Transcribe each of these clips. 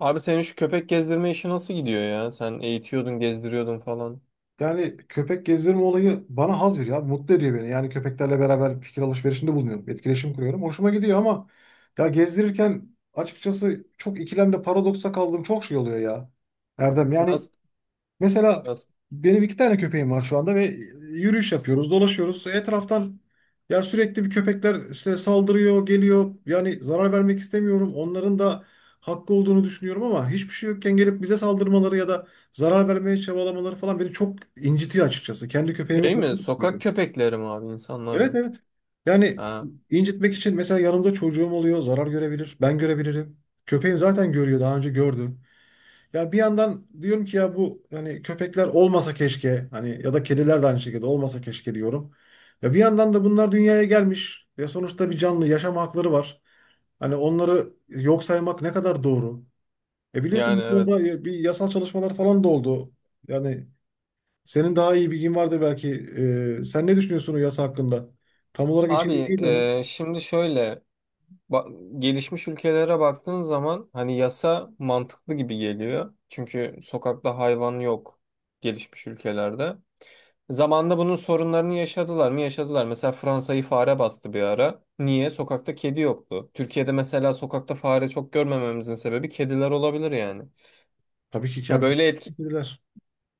Abi senin şu köpek gezdirme işi nasıl gidiyor ya? Sen eğitiyordun, gezdiriyordun falan. Yani köpek gezdirme olayı bana haz veriyor abi. Mutlu ediyor beni. Yani köpeklerle beraber fikir alışverişinde bulunuyorum. Etkileşim kuruyorum. Hoşuma gidiyor ama ya gezdirirken açıkçası çok ikilemde paradoksa kaldığım çok şey oluyor ya. Erdem yani. Nasıl? Mesela Nasıl? benim 2 tane köpeğim var şu anda ve yürüyüş yapıyoruz, dolaşıyoruz. Etraftan ya sürekli bir köpekler işte saldırıyor, geliyor. Yani zarar vermek istemiyorum. Onların da hakkı olduğunu düşünüyorum ama hiçbir şey yokken gelip bize saldırmaları ya da zarar vermeye çabalamaları falan beni çok incitiyor açıkçası. Kendi köpeğimi Şey mi? Sokak korkutuyorum. köpekleri mi abi? İnsanlar Evet mı? evet. Yani Ha, incitmek için mesela yanımda çocuğum oluyor, zarar görebilir, ben görebilirim. Köpeğim zaten görüyor, daha önce gördü. Yani bir yandan diyorum ki ya bu hani köpekler olmasa keşke hani ya da kediler de aynı şekilde olmasa keşke diyorum. Ya bir yandan da bunlar dünyaya gelmiş ve sonuçta bir canlı yaşam hakları var. Hani onları yok saymak ne kadar doğru? E, biliyorsun yani bu evet. konuda bir yasal çalışmalar falan da oldu. Yani senin daha iyi bilgin vardır belki. Sen ne düşünüyorsun o yasa hakkında? Tam olarak içeriği Abi, neydi onun? Şimdi şöyle gelişmiş ülkelere baktığın zaman hani yasa mantıklı gibi geliyor. Çünkü sokakta hayvan yok gelişmiş ülkelerde. Zamanında bunun sorunlarını yaşadılar mı? Yaşadılar. Mesela Fransa'yı fare bastı bir ara. Niye? Sokakta kedi yoktu. Türkiye'de mesela sokakta fare çok görmememizin sebebi kediler olabilir yani. Tabii ki Ya kamp.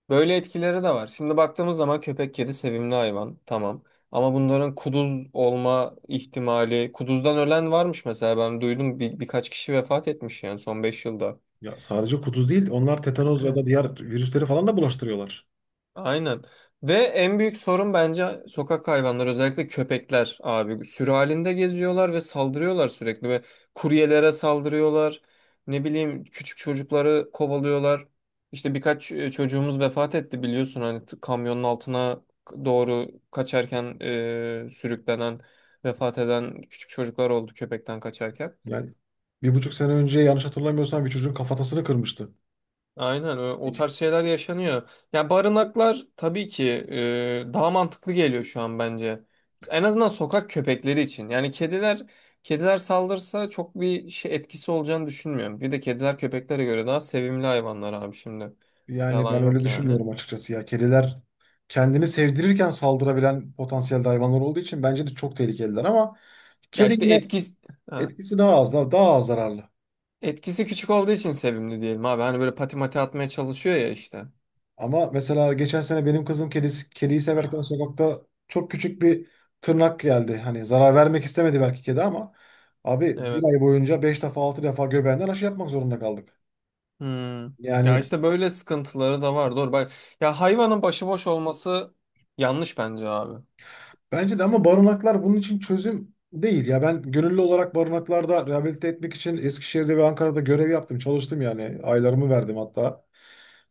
böyle etkileri de var. Şimdi baktığımız zaman köpek kedi sevimli hayvan. Tamam. Ama bunların kuduz olma ihtimali, kuduzdan ölen varmış, mesela ben duydum birkaç kişi vefat etmiş yani son 5 yılda. Ya sadece kuduz değil, onlar tetanoz ya da diğer virüsleri falan da bulaştırıyorlar. Aynen. Ve en büyük sorun bence sokak hayvanları, özellikle köpekler abi. Sürü halinde geziyorlar ve saldırıyorlar sürekli ve kuryelere saldırıyorlar. Ne bileyim, küçük çocukları kovalıyorlar. İşte birkaç çocuğumuz vefat etti, biliyorsun, hani kamyonun altına doğru kaçarken sürüklenen, vefat eden küçük çocuklar oldu köpekten kaçarken. Yani 1,5 sene önce yanlış hatırlamıyorsam bir çocuğun kafatasını kırmıştı. Aynen, o tarz şeyler yaşanıyor. Ya barınaklar tabii ki daha mantıklı geliyor şu an bence. En azından sokak köpekleri için. Yani kediler saldırsa çok bir şey etkisi olacağını düşünmüyorum. Bir de kediler köpeklere göre daha sevimli hayvanlar abi şimdi. Yani Yalan ben öyle yok yani. düşünmüyorum açıkçası ya. Kediler kendini sevdirirken saldırabilen potansiyel hayvanlar olduğu için bence de çok tehlikeliler ama Ya kedi işte yine. etkisi Etkisi daha az, daha az zararlı. etkisi küçük olduğu için sevimli diyelim abi. Hani böyle pati mati atmaya çalışıyor ya işte. Ama mesela geçen sene benim kızım kedisi, kediyi severken sokakta çok küçük bir tırnak geldi. Hani zarar vermek istemedi belki kedi ama abi bir Evet. ay boyunca 5 defa 6 defa göbeğinden aşı yapmak zorunda kaldık. Hmm. Ya Yani. işte böyle sıkıntıları da var. Doğru. Bak, ya hayvanın başıboş olması yanlış bence abi. Bence de ama barınaklar bunun için çözüm değil. Ya ben gönüllü olarak barınaklarda rehabilite etmek için Eskişehir'de ve Ankara'da görev yaptım. Çalıştım yani. Aylarımı verdim hatta.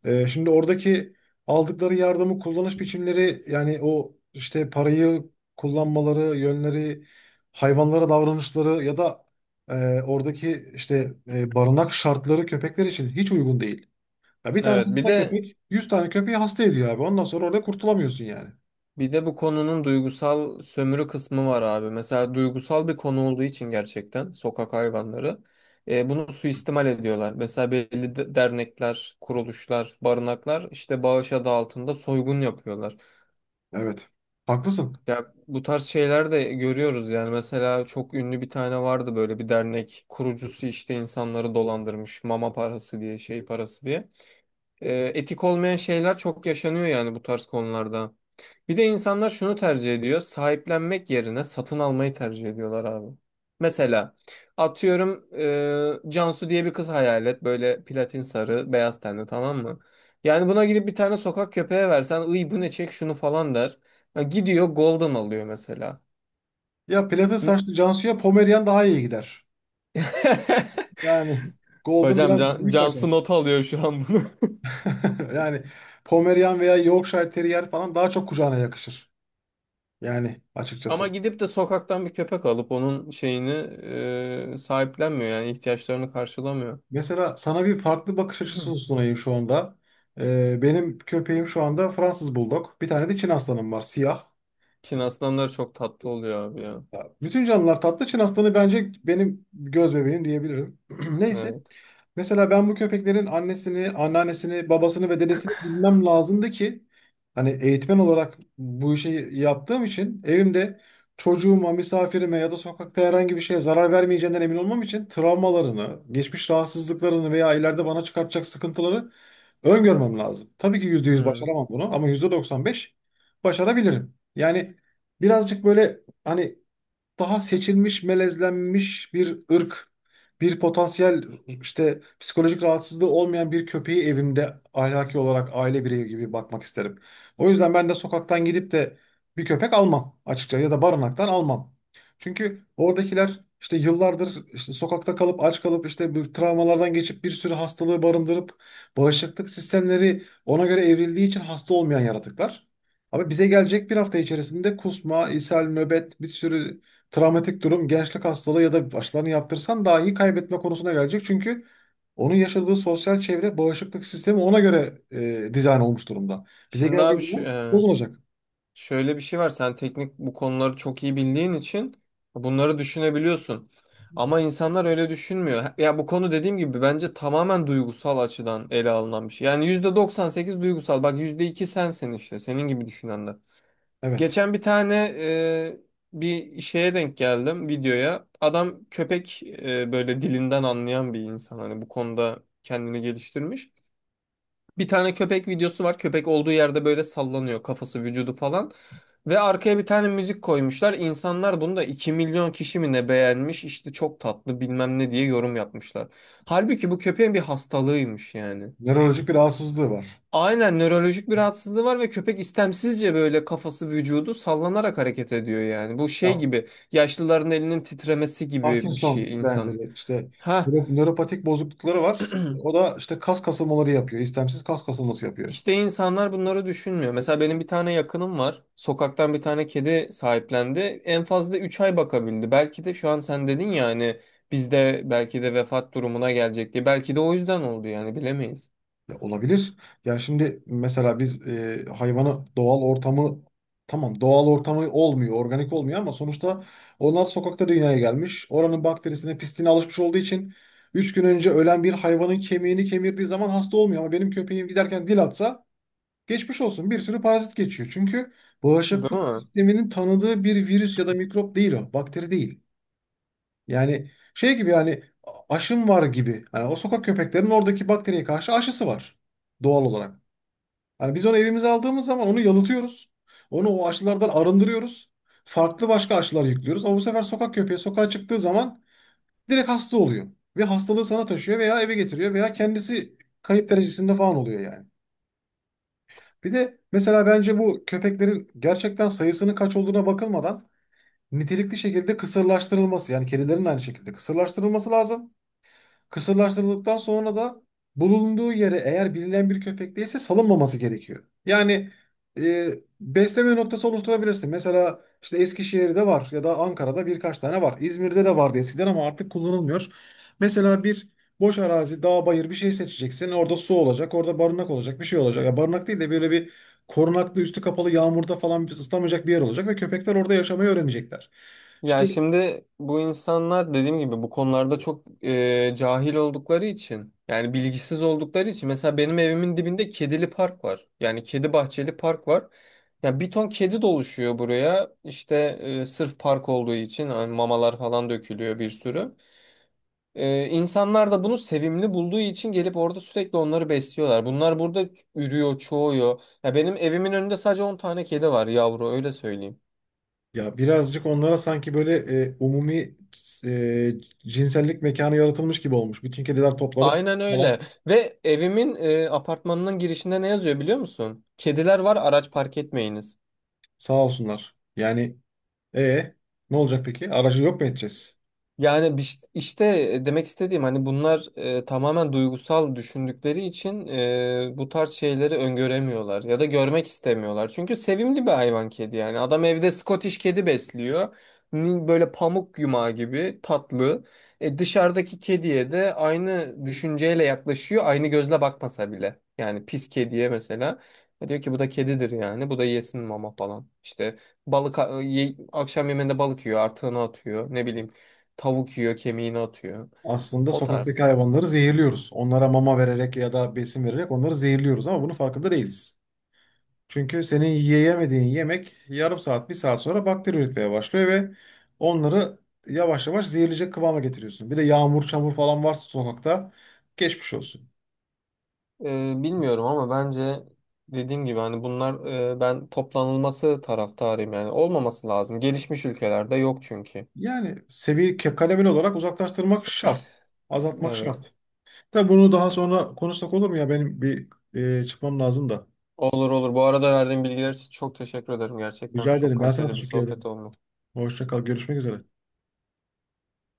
Şimdi oradaki aldıkları yardımı kullanış biçimleri yani o işte parayı kullanmaları, yönleri, hayvanlara davranışları ya da oradaki işte barınak şartları köpekler için hiç uygun değil. Ya bir tane Evet. Bir hasta de köpek 100 tane köpeği hasta ediyor abi. Ondan sonra orada kurtulamıyorsun yani. bir de bu konunun duygusal sömürü kısmı var abi. Mesela duygusal bir konu olduğu için gerçekten sokak hayvanları bunu suistimal ediyorlar. Mesela belli dernekler, kuruluşlar, barınaklar işte bağış adı altında soygun yapıyorlar. Evet. Haklısın. Ya bu tarz şeyler de görüyoruz yani. Mesela çok ünlü bir tane vardı, böyle bir dernek kurucusu, işte insanları dolandırmış mama parası diye, şey parası diye. Etik olmayan şeyler çok yaşanıyor yani bu tarz konularda. Bir de insanlar şunu tercih ediyor. Sahiplenmek yerine satın almayı tercih ediyorlar abi. Mesela atıyorum, Cansu diye bir kız hayal et. Böyle platin sarı, beyaz tenli, tamam mı? Yani buna gidip bir tane sokak köpeğe versen, ıy bu ne, çek şunu" falan der. Ya gidiyor golden alıyor mesela. Ya platin saçlı Cansu'ya Pomerian daha iyi gider. Yani Golden Hocam biraz Can, büyük Cansu kaçar. not alıyor şu an bunu. Yani Pomerian veya Yorkshire Terrier falan daha çok kucağına yakışır. Yani Ama açıkçası. gidip de sokaktan bir köpek alıp onun şeyini sahiplenmiyor yani, ihtiyaçlarını karşılamıyor. Mesela sana bir farklı bakış Hı. açısı sunayım şu anda. Benim köpeğim şu anda Fransız Bulldog. Bir tane de Çin aslanım var siyah. Çin aslanları çok tatlı oluyor abi ya. Ya, bütün canlılar tatlı. Çin aslanı bence benim göz bebeğim diyebilirim. Neyse. Evet. Mesela ben bu köpeklerin annesini, anneannesini, babasını ve dedesini bilmem lazımdı ki hani eğitmen olarak bu işi yaptığım için evimde çocuğuma, misafirime ya da sokakta herhangi bir şeye zarar vermeyeceğinden emin olmam için travmalarını, geçmiş rahatsızlıklarını veya ileride bana çıkartacak sıkıntıları öngörmem lazım. Tabii ki 100% Hı. başaramam bunu ama %95 başarabilirim. Yani birazcık böyle hani daha seçilmiş, melezlenmiş bir ırk, bir potansiyel işte psikolojik rahatsızlığı olmayan bir köpeği evimde ahlaki olarak aile bireyi gibi bakmak isterim. O yüzden ben de sokaktan gidip de bir köpek almam açıkça ya da barınaktan almam. Çünkü oradakiler işte yıllardır işte sokakta kalıp aç kalıp işte bu travmalardan geçip bir sürü hastalığı barındırıp bağışıklık sistemleri ona göre evrildiği için hasta olmayan yaratıklar. Ama bize gelecek bir hafta içerisinde kusma, ishal, nöbet, bir sürü travmatik durum gençlik hastalığı ya da aşılarını yaptırsan dahi kaybetme konusuna gelecek. Çünkü onun yaşadığı sosyal çevre, bağışıklık sistemi ona göre dizayn olmuş durumda. Bize Şimdi abi geldiği şu- zaman e, bozulacak. şöyle bir şey var. Sen teknik bu konuları çok iyi bildiğin için bunları düşünebiliyorsun. Ama insanlar öyle düşünmüyor. Ya bu konu dediğim gibi bence tamamen duygusal açıdan ele alınan bir şey. Yani %98 duygusal. Bak, %2 sensin işte. Senin gibi düşünenler. Evet. Geçen bir şeye denk geldim, videoya. Adam köpek böyle dilinden anlayan bir insan. Hani bu konuda kendini geliştirmiş. Bir tane köpek videosu var. Köpek olduğu yerde böyle sallanıyor, kafası, vücudu falan. Ve arkaya bir tane müzik koymuşlar. İnsanlar bunu da 2 milyon kişi mi ne beğenmiş, işte "çok tatlı" bilmem ne diye yorum yapmışlar. Halbuki bu köpeğin bir hastalığıymış yani. Nörolojik bir rahatsızlığı var. Aynen, nörolojik bir rahatsızlığı var ve köpek istemsizce böyle kafası, vücudu sallanarak hareket ediyor yani. Bu şey Ya, gibi, yaşlıların elinin titremesi gibi bir Parkinson şey insanın. benzeri işte Ha. Nöropatik bozuklukları var. O da işte kas kasılmaları yapıyor. İstemsiz kas kasılması yapıyor. İşte insanlar bunları düşünmüyor. Mesela benim bir tane yakınım var. Sokaktan bir tane kedi sahiplendi. En fazla 3 ay bakabildi. Belki de, şu an sen dedin ya hani, bizde belki de vefat durumuna gelecek diye. Belki de o yüzden oldu yani, bilemeyiz. Ya olabilir. Ya şimdi mesela biz hayvanı doğal ortamı, tamam doğal ortamı olmuyor, organik olmuyor ama sonuçta onlar sokakta dünyaya gelmiş. Oranın bakterisine, pisliğine alışmış olduğu için 3 gün önce ölen bir hayvanın kemiğini kemirdiği zaman hasta olmuyor ama benim köpeğim giderken dil atsa geçmiş olsun, bir sürü parazit geçiyor. Çünkü bağışıklık Değil mi? sisteminin tanıdığı bir virüs ya da mikrop değil o, bakteri değil. Yani şey gibi yani aşım var gibi. Hani o sokak köpeklerinin oradaki bakteriye karşı aşısı var doğal olarak. Hani biz onu evimize aldığımız zaman onu yalıtıyoruz. Onu o aşılardan arındırıyoruz. Farklı başka aşılar yüklüyoruz. Ama bu sefer sokak köpeği sokağa çıktığı zaman direkt hasta oluyor. Ve hastalığı sana taşıyor veya eve getiriyor veya kendisi kayıp derecesinde falan oluyor yani. Bir de mesela bence bu köpeklerin gerçekten sayısının kaç olduğuna bakılmadan nitelikli şekilde kısırlaştırılması yani kedilerin de aynı şekilde kısırlaştırılması lazım. Kısırlaştırıldıktan sonra da bulunduğu yere eğer bilinen bir köpek değilse salınmaması gerekiyor. Yani e, besleme noktası oluşturabilirsin. Mesela işte Eskişehir'de var ya da Ankara'da birkaç tane var. İzmir'de de vardı eskiden ama artık kullanılmıyor. Mesela bir boş arazi, dağ, bayır bir şey seçeceksin. Orada su olacak, orada barınak olacak, bir şey olacak. Ya barınak değil de böyle bir korunaklı, üstü kapalı, yağmurda falan ıslamayacak bir yer olacak ve köpekler orada yaşamayı öğrenecekler. İşte. Ya şimdi bu insanlar dediğim gibi bu konularda çok cahil oldukları için, yani bilgisiz oldukları için, mesela benim evimin dibinde kedili park var. Yani kedi bahçeli park var. Ya bir ton kedi doluşuyor buraya. İşte sırf park olduğu için hani mamalar falan dökülüyor bir sürü. İnsanlar da bunu sevimli bulduğu için gelip orada sürekli onları besliyorlar. Bunlar burada ürüyor, çoğuyor. Ya benim evimin önünde sadece 10 tane kedi var, yavru, öyle söyleyeyim. Ya birazcık onlara sanki böyle umumi e, cinsellik mekanı yaratılmış gibi olmuş. Bütün kediler toplanıp Aynen falan, öyle. Ve evimin apartmanının girişinde ne yazıyor, biliyor musun? "Kediler var, araç park etmeyiniz." sağ olsunlar. Yani e ne olacak peki? Aracı yok mu edeceğiz? Yani, demek istediğim, hani bunlar tamamen duygusal düşündükleri için bu tarz şeyleri öngöremiyorlar ya da görmek istemiyorlar. Çünkü sevimli bir hayvan, kedi yani. Adam evde Scottish kedi besliyor. Böyle pamuk yumağı gibi tatlı. Dışarıdaki kediye de aynı düşünceyle yaklaşıyor. Aynı gözle bakmasa bile. Yani pis kediye mesela. Diyor ki bu da kedidir yani. Bu da yesin mama falan. İşte akşam yemeğinde balık yiyor, artığını atıyor. Ne bileyim, tavuk yiyor, kemiğini atıyor. Aslında O tarz sokaktaki yani. hayvanları zehirliyoruz. Onlara mama vererek ya da besin vererek onları zehirliyoruz ama bunun farkında değiliz. Çünkü senin yiyemediğin yemek yarım saat, bir saat sonra bakteri üretmeye başlıyor ve onları yavaş yavaş zehirleyecek kıvama getiriyorsun. Bir de yağmur, çamur falan varsa sokakta geçmiş olsun. Bilmiyorum ama bence dediğim gibi, hani bunlar, ben toplanılması taraftarıyım yani. Olmaması lazım. Gelişmiş ülkelerde yok çünkü. Yani seviye kademeli olarak uzaklaştırmak şart. Azaltmak Evet. şart. Tabii bunu daha sonra konuşsak olur mu ya? Benim bir çıkmam lazım da. Olur olur. Bu arada verdiğin bilgiler için çok teşekkür ederim. Gerçekten Rica çok ederim. Ben sana kaliteli bir teşekkür sohbet ederim. olmuş. Hoşça kal. Görüşmek üzere.